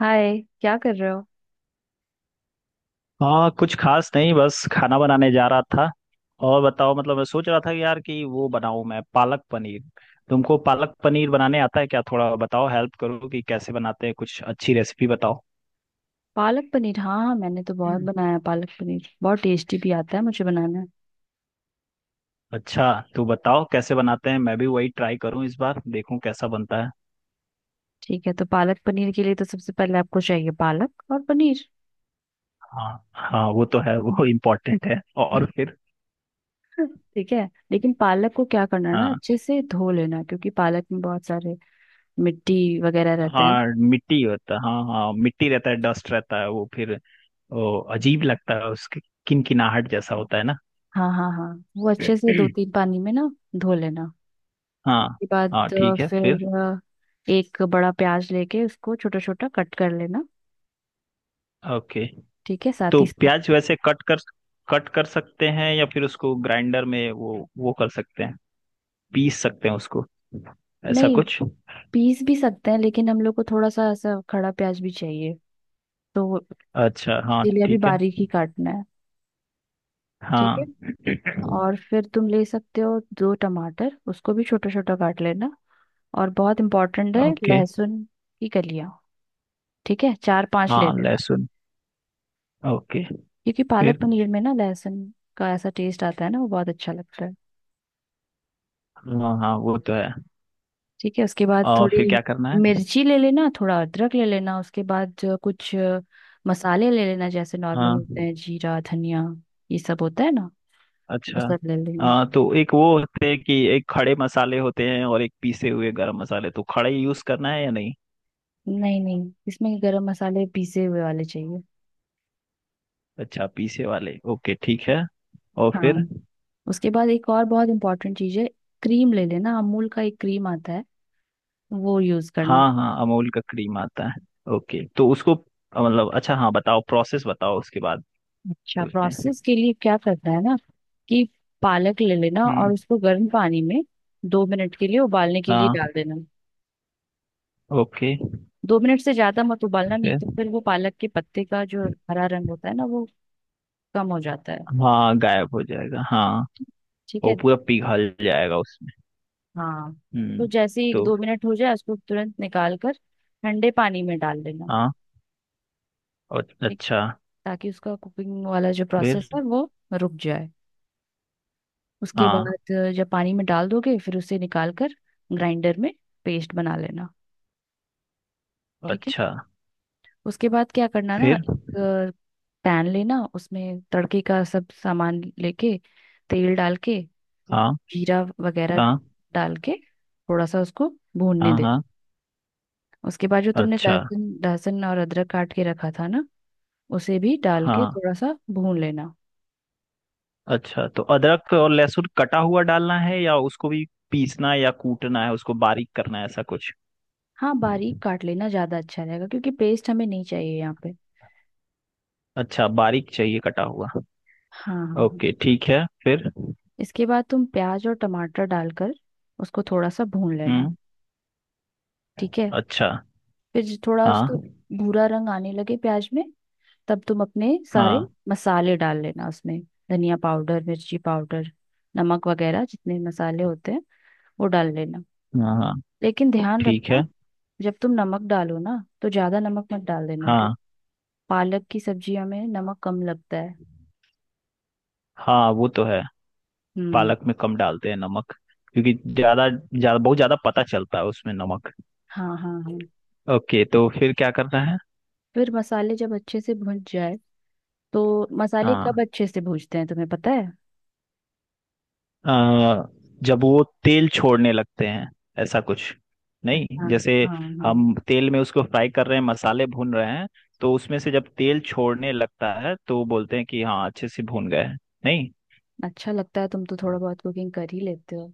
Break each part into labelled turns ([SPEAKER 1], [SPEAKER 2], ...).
[SPEAKER 1] हाय, क्या कर रहे हो।
[SPEAKER 2] हाँ, कुछ खास नहीं। बस खाना बनाने जा रहा था। और बताओ, मतलब मैं सोच रहा था कि यार कि वो बनाऊं मैं पालक पनीर। तुमको पालक पनीर बनाने आता है क्या? थोड़ा बताओ, हेल्प करो कि कैसे बनाते हैं। कुछ अच्छी रेसिपी बताओ।
[SPEAKER 1] पालक पनीर, हाँ हाँ, मैंने तो बहुत
[SPEAKER 2] हम्म।
[SPEAKER 1] बनाया है पालक पनीर। बहुत टेस्टी भी आता है मुझे बनाना।
[SPEAKER 2] अच्छा, तू बताओ कैसे बनाते हैं। मैं भी वही ट्राई करूं इस बार, देखूं कैसा बनता है।
[SPEAKER 1] ठीक है, तो पालक पनीर के लिए तो सबसे पहले आपको चाहिए पालक और पनीर।
[SPEAKER 2] हाँ हाँ, वो तो है, वो इम्पोर्टेंट है। और फिर?
[SPEAKER 1] ठीक है, लेकिन पालक को क्या करना है ना,
[SPEAKER 2] हाँ
[SPEAKER 1] अच्छे से धो लेना, क्योंकि पालक में बहुत सारे मिट्टी वगैरह रहते हैं।
[SPEAKER 2] हाँ, मिट्टी होता है। हाँ हाँ, मिट्टी रहता है, डस्ट रहता है। वो फिर वो अजीब लगता है उसकी। किनकिनाहट जैसा होता है।
[SPEAKER 1] हाँ हाँ हाँ। वो
[SPEAKER 2] ना।
[SPEAKER 1] अच्छे से दो तीन पानी में ना धो लेना।
[SPEAKER 2] हाँ
[SPEAKER 1] उसके बाद
[SPEAKER 2] हाँ। ठीक है, फिर?
[SPEAKER 1] फिर एक बड़ा प्याज लेके उसको छोटा छोटा कट कर लेना।
[SPEAKER 2] ओके।
[SPEAKER 1] ठीक है, साथ
[SPEAKER 2] तो
[SPEAKER 1] ही साथ
[SPEAKER 2] प्याज वैसे कट कर सकते हैं या फिर उसको ग्राइंडर में वो कर सकते हैं? पीस सकते हैं उसको, ऐसा
[SPEAKER 1] नहीं,
[SPEAKER 2] कुछ?
[SPEAKER 1] पीस भी सकते हैं लेकिन हम लोग को थोड़ा सा ऐसा खड़ा प्याज भी चाहिए, तो
[SPEAKER 2] अच्छा, हाँ
[SPEAKER 1] इसीलिए अभी
[SPEAKER 2] ठीक है।
[SPEAKER 1] बारीक ही काटना है। ठीक है।
[SPEAKER 2] हाँ।
[SPEAKER 1] और फिर तुम ले सकते हो दो टमाटर, उसको भी छोटा छोटा काट लेना। और बहुत इम्पोर्टेंट है
[SPEAKER 2] ओके।
[SPEAKER 1] लहसुन की कलियां। ठीक है, चार पांच ले
[SPEAKER 2] हाँ,
[SPEAKER 1] लेना,
[SPEAKER 2] लहसुन। ओके,
[SPEAKER 1] क्योंकि पालक
[SPEAKER 2] फिर?
[SPEAKER 1] पनीर में ना लहसुन का ऐसा टेस्ट आता है ना, वो बहुत अच्छा लगता है।
[SPEAKER 2] हाँ हाँ, वो तो है।
[SPEAKER 1] ठीक है, उसके बाद
[SPEAKER 2] और
[SPEAKER 1] थोड़ी
[SPEAKER 2] फिर क्या करना है?
[SPEAKER 1] मिर्ची ले लेना, थोड़ा अदरक ले लेना। उसके बाद जो कुछ मसाले ले लेना, जैसे नॉर्मल
[SPEAKER 2] हाँ।
[SPEAKER 1] होते हैं, जीरा धनिया, ये सब होता है ना,
[SPEAKER 2] अच्छा।
[SPEAKER 1] उसका ले लेना।
[SPEAKER 2] हाँ, तो एक वो होते हैं कि एक खड़े मसाले होते हैं और एक पीसे हुए गरम मसाले। तो खड़े यूज करना है या नहीं?
[SPEAKER 1] नहीं नहीं, इसमें गरम मसाले पीसे हुए वाले चाहिए।
[SPEAKER 2] अच्छा, पीछे वाले। ओके ठीक है। और
[SPEAKER 1] हाँ,
[SPEAKER 2] फिर?
[SPEAKER 1] उसके बाद एक और बहुत इंपॉर्टेंट चीज़ है, क्रीम ले लेना। अमूल का एक क्रीम आता है, वो यूज़ करना।
[SPEAKER 2] हाँ हाँ, अमूल का क्रीम आता है। ओके, तो उसको मतलब, अच्छा हाँ बताओ, प्रोसेस बताओ उसके बाद।
[SPEAKER 1] अच्छा,
[SPEAKER 2] उसमें।
[SPEAKER 1] प्रोसेस के लिए क्या करना है ना, कि पालक ले लेना और
[SPEAKER 2] हम्म।
[SPEAKER 1] उसको गर्म पानी में 2 मिनट के लिए उबालने के लिए
[SPEAKER 2] हाँ।
[SPEAKER 1] डाल देना।
[SPEAKER 2] ओके,
[SPEAKER 1] 2 मिनट से ज्यादा मत उबालना, नहीं
[SPEAKER 2] फिर?
[SPEAKER 1] तो फिर वो पालक के पत्ते का जो हरा रंग होता है ना, वो कम हो जाता है।
[SPEAKER 2] हाँ, गायब हो जाएगा, हाँ।
[SPEAKER 1] ठीक
[SPEAKER 2] वो
[SPEAKER 1] है।
[SPEAKER 2] पूरा पिघल जाएगा उसमें।
[SPEAKER 1] हाँ, तो
[SPEAKER 2] हम्म।
[SPEAKER 1] जैसे ही
[SPEAKER 2] तो।
[SPEAKER 1] 2 मिनट हो जाए उसको तुरंत निकाल कर ठंडे पानी में डाल देना।
[SPEAKER 2] हाँ। और?
[SPEAKER 1] ठीक,
[SPEAKER 2] अच्छा,
[SPEAKER 1] ताकि उसका कुकिंग वाला जो
[SPEAKER 2] फिर?
[SPEAKER 1] प्रोसेस है वो रुक जाए। उसके बाद
[SPEAKER 2] हाँ।
[SPEAKER 1] जब पानी में डाल दोगे फिर उसे निकाल कर ग्राइंडर में पेस्ट बना लेना। ठीक है,
[SPEAKER 2] अच्छा,
[SPEAKER 1] उसके बाद क्या करना ना,
[SPEAKER 2] फिर?
[SPEAKER 1] एक पैन लेना, उसमें तड़के का सब सामान लेके तेल डाल के
[SPEAKER 2] हाँ
[SPEAKER 1] जीरा वगैरह
[SPEAKER 2] हाँ
[SPEAKER 1] डाल के थोड़ा सा उसको भूनने
[SPEAKER 2] हाँ।
[SPEAKER 1] देना।
[SPEAKER 2] हाँ।
[SPEAKER 1] उसके बाद जो तुमने
[SPEAKER 2] अच्छा।
[SPEAKER 1] लहसुन लहसुन और अदरक काट के रखा था ना, उसे भी डाल के
[SPEAKER 2] हाँ।
[SPEAKER 1] थोड़ा सा भून लेना।
[SPEAKER 2] अच्छा, तो अदरक और लहसुन कटा हुआ डालना है या उसको भी पीसना है या कूटना है, उसको बारीक करना है, ऐसा कुछ?
[SPEAKER 1] हाँ, बारीक काट लेना ज़्यादा अच्छा रहेगा क्योंकि पेस्ट हमें नहीं चाहिए यहाँ पे।
[SPEAKER 2] अच्छा, बारीक चाहिए कटा हुआ।
[SPEAKER 1] हाँ हाँ हाँ।
[SPEAKER 2] ओके ठीक है, फिर?
[SPEAKER 1] इसके बाद तुम प्याज और टमाटर डालकर उसको थोड़ा सा भून लेना।
[SPEAKER 2] हम्म।
[SPEAKER 1] ठीक है।
[SPEAKER 2] अच्छा।
[SPEAKER 1] फिर जो थोड़ा
[SPEAKER 2] हाँ
[SPEAKER 1] उसका भूरा रंग आने लगे प्याज में, तब तुम अपने सारे
[SPEAKER 2] हाँ।
[SPEAKER 1] मसाले डाल लेना उसमें, धनिया पाउडर मिर्ची पाउडर नमक वगैरह जितने मसाले होते हैं वो डाल लेना।
[SPEAKER 2] हाँ हाँ,
[SPEAKER 1] लेकिन ध्यान
[SPEAKER 2] ठीक है।
[SPEAKER 1] रखना, जब तुम नमक डालो ना, तो ज्यादा नमक मत डाल देना।
[SPEAKER 2] हाँ
[SPEAKER 1] पालक की सब्जियों में नमक कम लगता है।
[SPEAKER 2] हाँ, वो तो है।
[SPEAKER 1] हम्म।
[SPEAKER 2] पालक में कम डालते हैं नमक, क्योंकि ज्यादा ज्यादा बहुत ज्यादा पता चलता है उसमें नमक।
[SPEAKER 1] हाँ हाँ हाँ।
[SPEAKER 2] ओके, तो फिर क्या करना है?
[SPEAKER 1] फिर मसाले जब अच्छे से भुन जाए, तो मसाले कब
[SPEAKER 2] हाँ।
[SPEAKER 1] अच्छे से भूनते हैं तुम्हें पता है।
[SPEAKER 2] अ, जब वो तेल छोड़ने लगते हैं, ऐसा कुछ? नहीं,
[SPEAKER 1] अच्छा,
[SPEAKER 2] जैसे
[SPEAKER 1] हाँ हाँ।
[SPEAKER 2] हम तेल में उसको फ्राई कर रहे हैं, मसाले भून रहे हैं, तो उसमें से जब तेल छोड़ने लगता है तो बोलते हैं कि हाँ अच्छे से भून गए हैं। नहीं?
[SPEAKER 1] अच्छा लगता है, तुम तो थोड़ा बहुत कुकिंग कर ही लेते हो।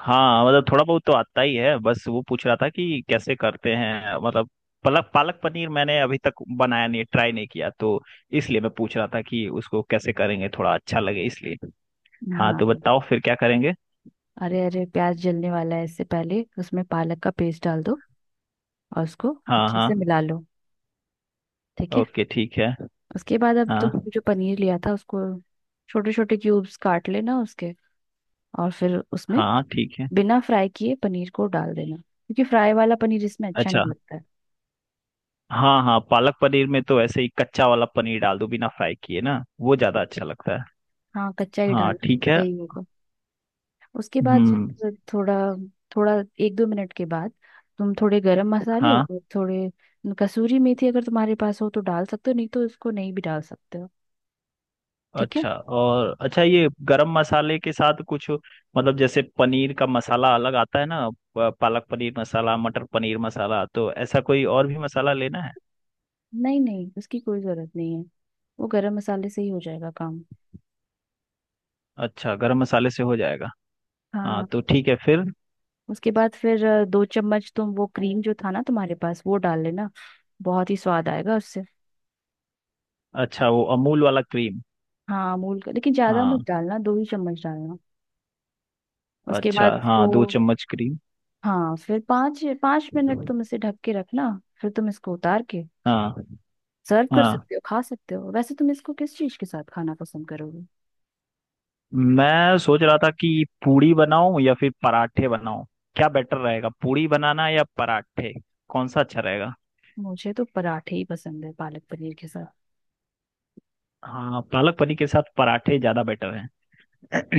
[SPEAKER 2] हाँ, मतलब थोड़ा बहुत तो आता ही है। बस वो पूछ रहा था कि कैसे करते हैं। मतलब पालक पालक पनीर मैंने अभी तक बनाया नहीं, ट्राई नहीं किया, तो इसलिए मैं पूछ रहा था कि उसको कैसे करेंगे, थोड़ा अच्छा लगे इसलिए। हाँ,
[SPEAKER 1] हाँ,
[SPEAKER 2] तो बताओ फिर क्या करेंगे।
[SPEAKER 1] अरे अरे प्याज जलने वाला है, इससे पहले उसमें पालक का पेस्ट डाल दो और उसको
[SPEAKER 2] हाँ
[SPEAKER 1] अच्छे
[SPEAKER 2] हाँ।
[SPEAKER 1] से मिला लो। ठीक है,
[SPEAKER 2] ओके ठीक है।
[SPEAKER 1] उसके बाद अब
[SPEAKER 2] हाँ
[SPEAKER 1] तुमने जो पनीर लिया था उसको छोटे छोटे क्यूब्स काट लेना उसके, और फिर उसमें
[SPEAKER 2] हाँ, ठीक है।
[SPEAKER 1] बिना फ्राई किए पनीर को डाल देना, क्योंकि फ्राई वाला पनीर इसमें अच्छा नहीं
[SPEAKER 2] अच्छा।
[SPEAKER 1] लगता है।
[SPEAKER 2] हाँ हाँ, पालक पनीर में तो ऐसे ही कच्चा वाला पनीर डाल दो, बिना फ्राई किए ना, वो ज्यादा अच्छा लगता है।
[SPEAKER 1] हाँ, कच्चा ही
[SPEAKER 2] हाँ
[SPEAKER 1] डालना
[SPEAKER 2] ठीक है।
[SPEAKER 1] सही होगा। उसके बाद
[SPEAKER 2] हम्म।
[SPEAKER 1] जब थोड़ा थोड़ा 1 2 मिनट के बाद तुम थोड़े गरम मसाले
[SPEAKER 2] हाँ।
[SPEAKER 1] और थोड़े कसूरी मेथी अगर तुम्हारे पास हो तो डाल सकते हो, नहीं तो उसको नहीं भी डाल सकते हो। ठीक है,
[SPEAKER 2] अच्छा, और अच्छा ये गरम मसाले के साथ कुछ, मतलब जैसे पनीर का मसाला अलग आता है ना, पालक पनीर मसाला, मटर पनीर मसाला, तो ऐसा कोई और भी मसाला लेना है?
[SPEAKER 1] नहीं नहीं उसकी कोई जरूरत नहीं है, वो गरम मसाले से ही हो जाएगा काम।
[SPEAKER 2] अच्छा, गरम मसाले से हो जाएगा। हाँ
[SPEAKER 1] हाँ,
[SPEAKER 2] तो ठीक है, फिर?
[SPEAKER 1] उसके बाद फिर 2 चम्मच तुम वो क्रीम जो था ना तुम्हारे पास वो डाल लेना। बहुत ही स्वाद आएगा उससे।
[SPEAKER 2] अच्छा, वो अमूल वाला क्रीम।
[SPEAKER 1] हाँ मूल का, लेकिन ज्यादा मत
[SPEAKER 2] हाँ।
[SPEAKER 1] डालना, 2 ही चम्मच डालना। उसके
[SPEAKER 2] अच्छा
[SPEAKER 1] बाद
[SPEAKER 2] हाँ, दो
[SPEAKER 1] इसको,
[SPEAKER 2] चम्मच क्रीम।
[SPEAKER 1] हाँ, फिर 5 5 मिनट तुम इसे ढक के रखना। फिर तुम इसको उतार के
[SPEAKER 2] हाँ।
[SPEAKER 1] सर्व कर
[SPEAKER 2] हाँ,
[SPEAKER 1] सकते हो, खा सकते हो। वैसे तुम इसको किस चीज के साथ खाना पसंद करोगे।
[SPEAKER 2] मैं सोच रहा था कि पूड़ी बनाऊं या फिर पराठे बनाऊं। क्या बेटर रहेगा, पूड़ी बनाना या पराठे? कौन सा अच्छा रहेगा?
[SPEAKER 1] मुझे तो पराठे ही पसंद है पालक पनीर के साथ।
[SPEAKER 2] हाँ, पालक पनीर के साथ पराठे ज्यादा बेटर हैं।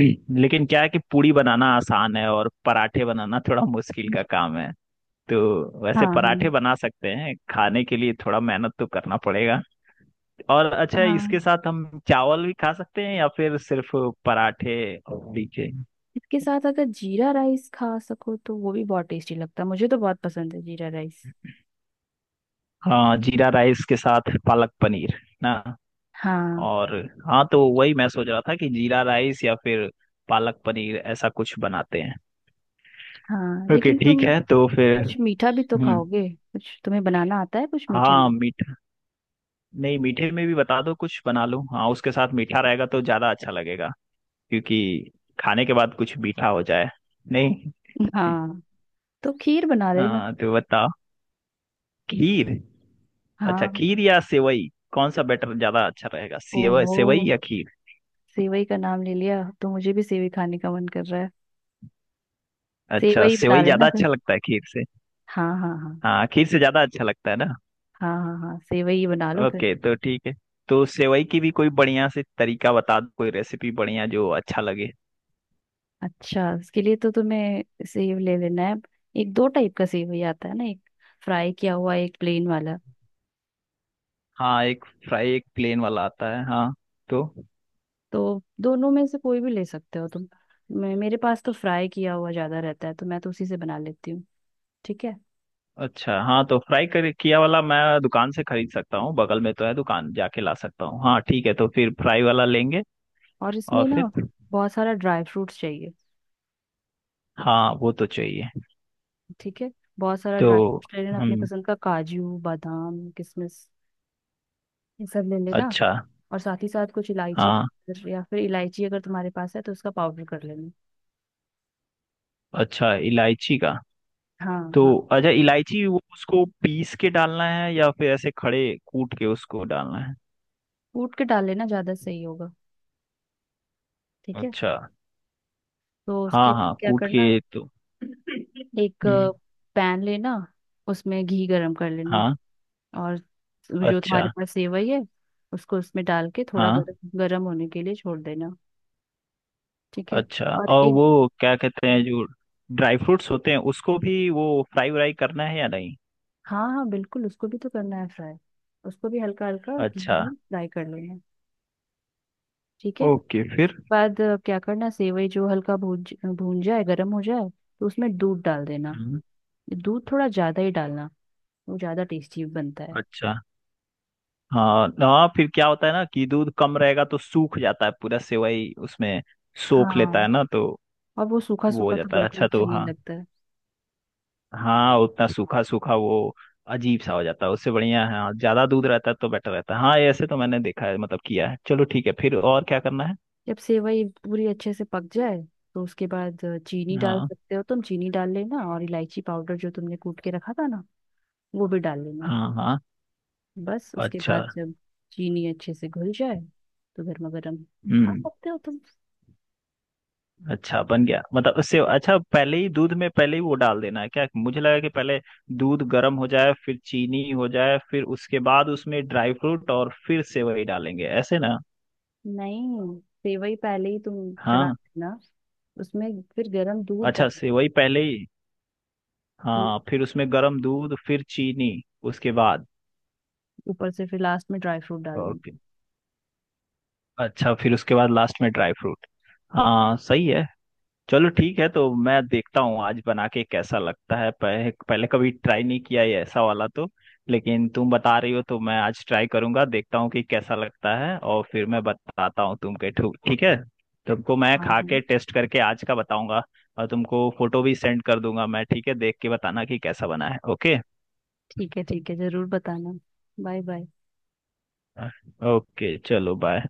[SPEAKER 2] लेकिन क्या है कि पूड़ी बनाना आसान है और पराठे बनाना थोड़ा मुश्किल का काम है। तो
[SPEAKER 1] हाँ
[SPEAKER 2] वैसे
[SPEAKER 1] हाँ
[SPEAKER 2] पराठे बना सकते हैं, खाने के लिए थोड़ा मेहनत तो करना पड़ेगा। और अच्छा, इसके
[SPEAKER 1] हाँ।
[SPEAKER 2] साथ हम चावल भी खा सकते हैं या फिर सिर्फ पराठे? और भी के।
[SPEAKER 1] इसके साथ अगर जीरा राइस खा सको तो वो भी बहुत टेस्टी लगता है, मुझे तो बहुत पसंद है जीरा राइस।
[SPEAKER 2] हाँ, जीरा राइस के साथ पालक पनीर ना।
[SPEAKER 1] हाँ
[SPEAKER 2] और हाँ, तो वही मैं सोच रहा था कि जीरा राइस या फिर पालक पनीर, ऐसा कुछ बनाते हैं।
[SPEAKER 1] हाँ,
[SPEAKER 2] ओके
[SPEAKER 1] लेकिन
[SPEAKER 2] ठीक
[SPEAKER 1] तुम
[SPEAKER 2] है, तो फिर?
[SPEAKER 1] कुछ मीठा भी तो
[SPEAKER 2] हम्म।
[SPEAKER 1] खाओगे। कुछ तुम्हें बनाना आता है कुछ मीठे
[SPEAKER 2] हाँ,
[SPEAKER 1] में।
[SPEAKER 2] मीठा। नहीं, मीठे में भी बता दो, कुछ बना लूँ। हाँ, उसके साथ मीठा रहेगा तो ज़्यादा अच्छा लगेगा, क्योंकि खाने के बाद कुछ मीठा हो जाए। नहीं?
[SPEAKER 1] हाँ, तो खीर बना लेना।
[SPEAKER 2] हाँ, तो बताओ। खीर? अच्छा,
[SPEAKER 1] हाँ।
[SPEAKER 2] खीर या सेवई, कौन सा बेटर, ज़्यादा अच्छा रहेगा, सेवई
[SPEAKER 1] ओहो,
[SPEAKER 2] सेवई या खीर?
[SPEAKER 1] सेवई का नाम ले लिया, अब तो मुझे भी सेवई खाने का मन कर रहा है।
[SPEAKER 2] अच्छा,
[SPEAKER 1] सेवई बना
[SPEAKER 2] सेवई
[SPEAKER 1] लेना
[SPEAKER 2] ज़्यादा
[SPEAKER 1] फिर।
[SPEAKER 2] अच्छा लगता है खीर से।
[SPEAKER 1] हाँ हाँ हाँ
[SPEAKER 2] हाँ, खीर से ज़्यादा अच्छा लगता है ना।
[SPEAKER 1] हाँ हाँ हाँ, सेवई ही बना लो फिर।
[SPEAKER 2] ओके तो ठीक है। तो सेवई की भी कोई बढ़िया से तरीका बता दो, कोई रेसिपी बढ़िया जो अच्छा लगे।
[SPEAKER 1] अच्छा, उसके लिए तो तुम्हें सेव ले लेना है। एक दो टाइप का सेवई आता है ना, एक फ्राई किया हुआ एक प्लेन वाला।
[SPEAKER 2] हाँ, एक फ्राई एक प्लेन वाला आता है, हाँ। तो।
[SPEAKER 1] तो दोनों में से कोई भी ले सकते हो तुम। मैं, मेरे पास तो फ्राई किया हुआ ज्यादा रहता है तो मैं तो उसी से बना लेती हूँ। ठीक है,
[SPEAKER 2] अच्छा हाँ, तो फ्राई कर किया वाला मैं दुकान से खरीद सकता हूँ, बगल में तो है दुकान, जाके ला सकता हूँ। हाँ ठीक है, तो फिर फ्राई वाला लेंगे।
[SPEAKER 1] और
[SPEAKER 2] और
[SPEAKER 1] इसमें ना
[SPEAKER 2] फिर?
[SPEAKER 1] बहुत सारा ड्राई फ्रूट्स चाहिए।
[SPEAKER 2] हाँ, वो तो चाहिए।
[SPEAKER 1] ठीक है, बहुत सारा ड्राई
[SPEAKER 2] तो
[SPEAKER 1] फ्रूट्स ले लेना अपनी
[SPEAKER 2] हम।
[SPEAKER 1] पसंद का, काजू बादाम किशमिश, ये सब ले लेना।
[SPEAKER 2] अच्छा।
[SPEAKER 1] और साथ ही साथ कुछ इलायची
[SPEAKER 2] हाँ,
[SPEAKER 1] powder या फिर इलायची अगर तुम्हारे पास है तो उसका पाउडर कर लेना।
[SPEAKER 2] अच्छा इलायची का।
[SPEAKER 1] हाँ
[SPEAKER 2] तो।
[SPEAKER 1] हाँ,
[SPEAKER 2] अच्छा, इलायची वो उसको पीस के डालना है या फिर ऐसे खड़े कूट के उसको डालना है?
[SPEAKER 1] कूट के डाल लेना ज्यादा सही होगा। ठीक है,
[SPEAKER 2] अच्छा।
[SPEAKER 1] तो उसके
[SPEAKER 2] हाँ
[SPEAKER 1] बाद
[SPEAKER 2] हाँ,
[SPEAKER 1] क्या
[SPEAKER 2] कूट
[SPEAKER 1] करना,
[SPEAKER 2] के। तो।
[SPEAKER 1] एक
[SPEAKER 2] हम्म।
[SPEAKER 1] पैन लेना, उसमें घी गरम कर लेना
[SPEAKER 2] हाँ।
[SPEAKER 1] और जो
[SPEAKER 2] अच्छा।
[SPEAKER 1] तुम्हारे पास सेवई है उसको उसमें डाल के थोड़ा
[SPEAKER 2] हाँ।
[SPEAKER 1] गरम गरम होने के लिए छोड़ देना। ठीक है,
[SPEAKER 2] अच्छा,
[SPEAKER 1] और
[SPEAKER 2] और
[SPEAKER 1] एक,
[SPEAKER 2] वो क्या कहते हैं, जो ड्राई फ्रूट्स होते हैं, उसको भी वो फ्राई व्राई करना है या नहीं?
[SPEAKER 1] हाँ हाँ बिल्कुल उसको भी तो करना है फ्राई, उसको भी हल्का हल्का घी
[SPEAKER 2] अच्छा।
[SPEAKER 1] में फ्राई कर लेना है। ठीक है,
[SPEAKER 2] ओके, फिर?
[SPEAKER 1] बाद क्या करना, सेवई जो हल्का भून भून जाए गर्म हो जाए, तो उसमें दूध डाल देना।
[SPEAKER 2] हम्म।
[SPEAKER 1] दूध थोड़ा ज्यादा ही डालना, वो ज्यादा टेस्टी बनता है।
[SPEAKER 2] अच्छा। हाँ हाँ, फिर क्या होता है ना कि दूध कम रहेगा तो सूख जाता है पूरा, सेवई उसमें सोख लेता है
[SPEAKER 1] हाँ,
[SPEAKER 2] ना, तो
[SPEAKER 1] और वो सूखा
[SPEAKER 2] वो हो
[SPEAKER 1] सूखा तो
[SPEAKER 2] जाता है।
[SPEAKER 1] बिल्कुल
[SPEAKER 2] अच्छा,
[SPEAKER 1] अच्छा
[SPEAKER 2] तो
[SPEAKER 1] नहीं
[SPEAKER 2] हाँ।
[SPEAKER 1] लगता है।
[SPEAKER 2] हाँ, उतना सूखा सूखा वो अजीब सा हो जाता है। उससे बढ़िया है, हाँ, ज्यादा दूध रहता है तो बेटर रहता है। हाँ, ऐसे तो मैंने देखा है, मतलब किया है। चलो ठीक है, फिर और क्या करना है?
[SPEAKER 1] जब सेवई पूरी अच्छे से पक जाए, तो उसके बाद चीनी डाल
[SPEAKER 2] हाँ
[SPEAKER 1] सकते हो तुम, चीनी डाल लेना और इलायची पाउडर जो तुमने कूट के रखा था ना, वो भी डाल लेना।
[SPEAKER 2] हाँ। हाँ।
[SPEAKER 1] बस उसके
[SPEAKER 2] अच्छा।
[SPEAKER 1] बाद जब चीनी अच्छे से घुल जाए तो गर्मा गर्म खा
[SPEAKER 2] हम्म।
[SPEAKER 1] सकते हो तुम।
[SPEAKER 2] अच्छा, बन गया, मतलब उससे अच्छा पहले ही दूध में, पहले ही वो डाल देना है क्या? मुझे लगा कि पहले दूध गर्म हो जाए, फिर चीनी हो जाए, फिर उसके बाद उसमें ड्राई फ्रूट और फिर सेवई डालेंगे, ऐसे ना।
[SPEAKER 1] नहीं, सेवई पहले ही तुम चढ़ा
[SPEAKER 2] हाँ।
[SPEAKER 1] देना, उसमें फिर गर्म दूध
[SPEAKER 2] अच्छा,
[SPEAKER 1] डाल।
[SPEAKER 2] सेवई पहले ही।
[SPEAKER 1] हम्म,
[SPEAKER 2] हाँ, फिर उसमें गर्म दूध, फिर चीनी। उसके बाद।
[SPEAKER 1] ऊपर से फिर लास्ट में ड्राई फ्रूट डाल देना।
[SPEAKER 2] ओके। अच्छा, फिर उसके बाद लास्ट में ड्राई फ्रूट। हाँ सही है। चलो ठीक है, तो मैं देखता हूँ आज बना के कैसा लगता है। पहले कभी ट्राई नहीं किया ये ऐसा वाला, तो लेकिन तुम बता रही हो तो मैं आज ट्राई करूंगा, देखता हूँ कि कैसा लगता है और फिर मैं बताता हूँ तुमके। ठीक है, तुमको मैं
[SPEAKER 1] हाँ
[SPEAKER 2] खा के
[SPEAKER 1] हाँ।
[SPEAKER 2] टेस्ट करके आज का बताऊंगा। और तुमको फोटो भी सेंड कर दूंगा मैं। ठीक है, देख के बताना कि कैसा बना है। ओके।
[SPEAKER 1] ठीक है ठीक है, जरूर बताना। Bye bye.
[SPEAKER 2] ओके चलो, बाय।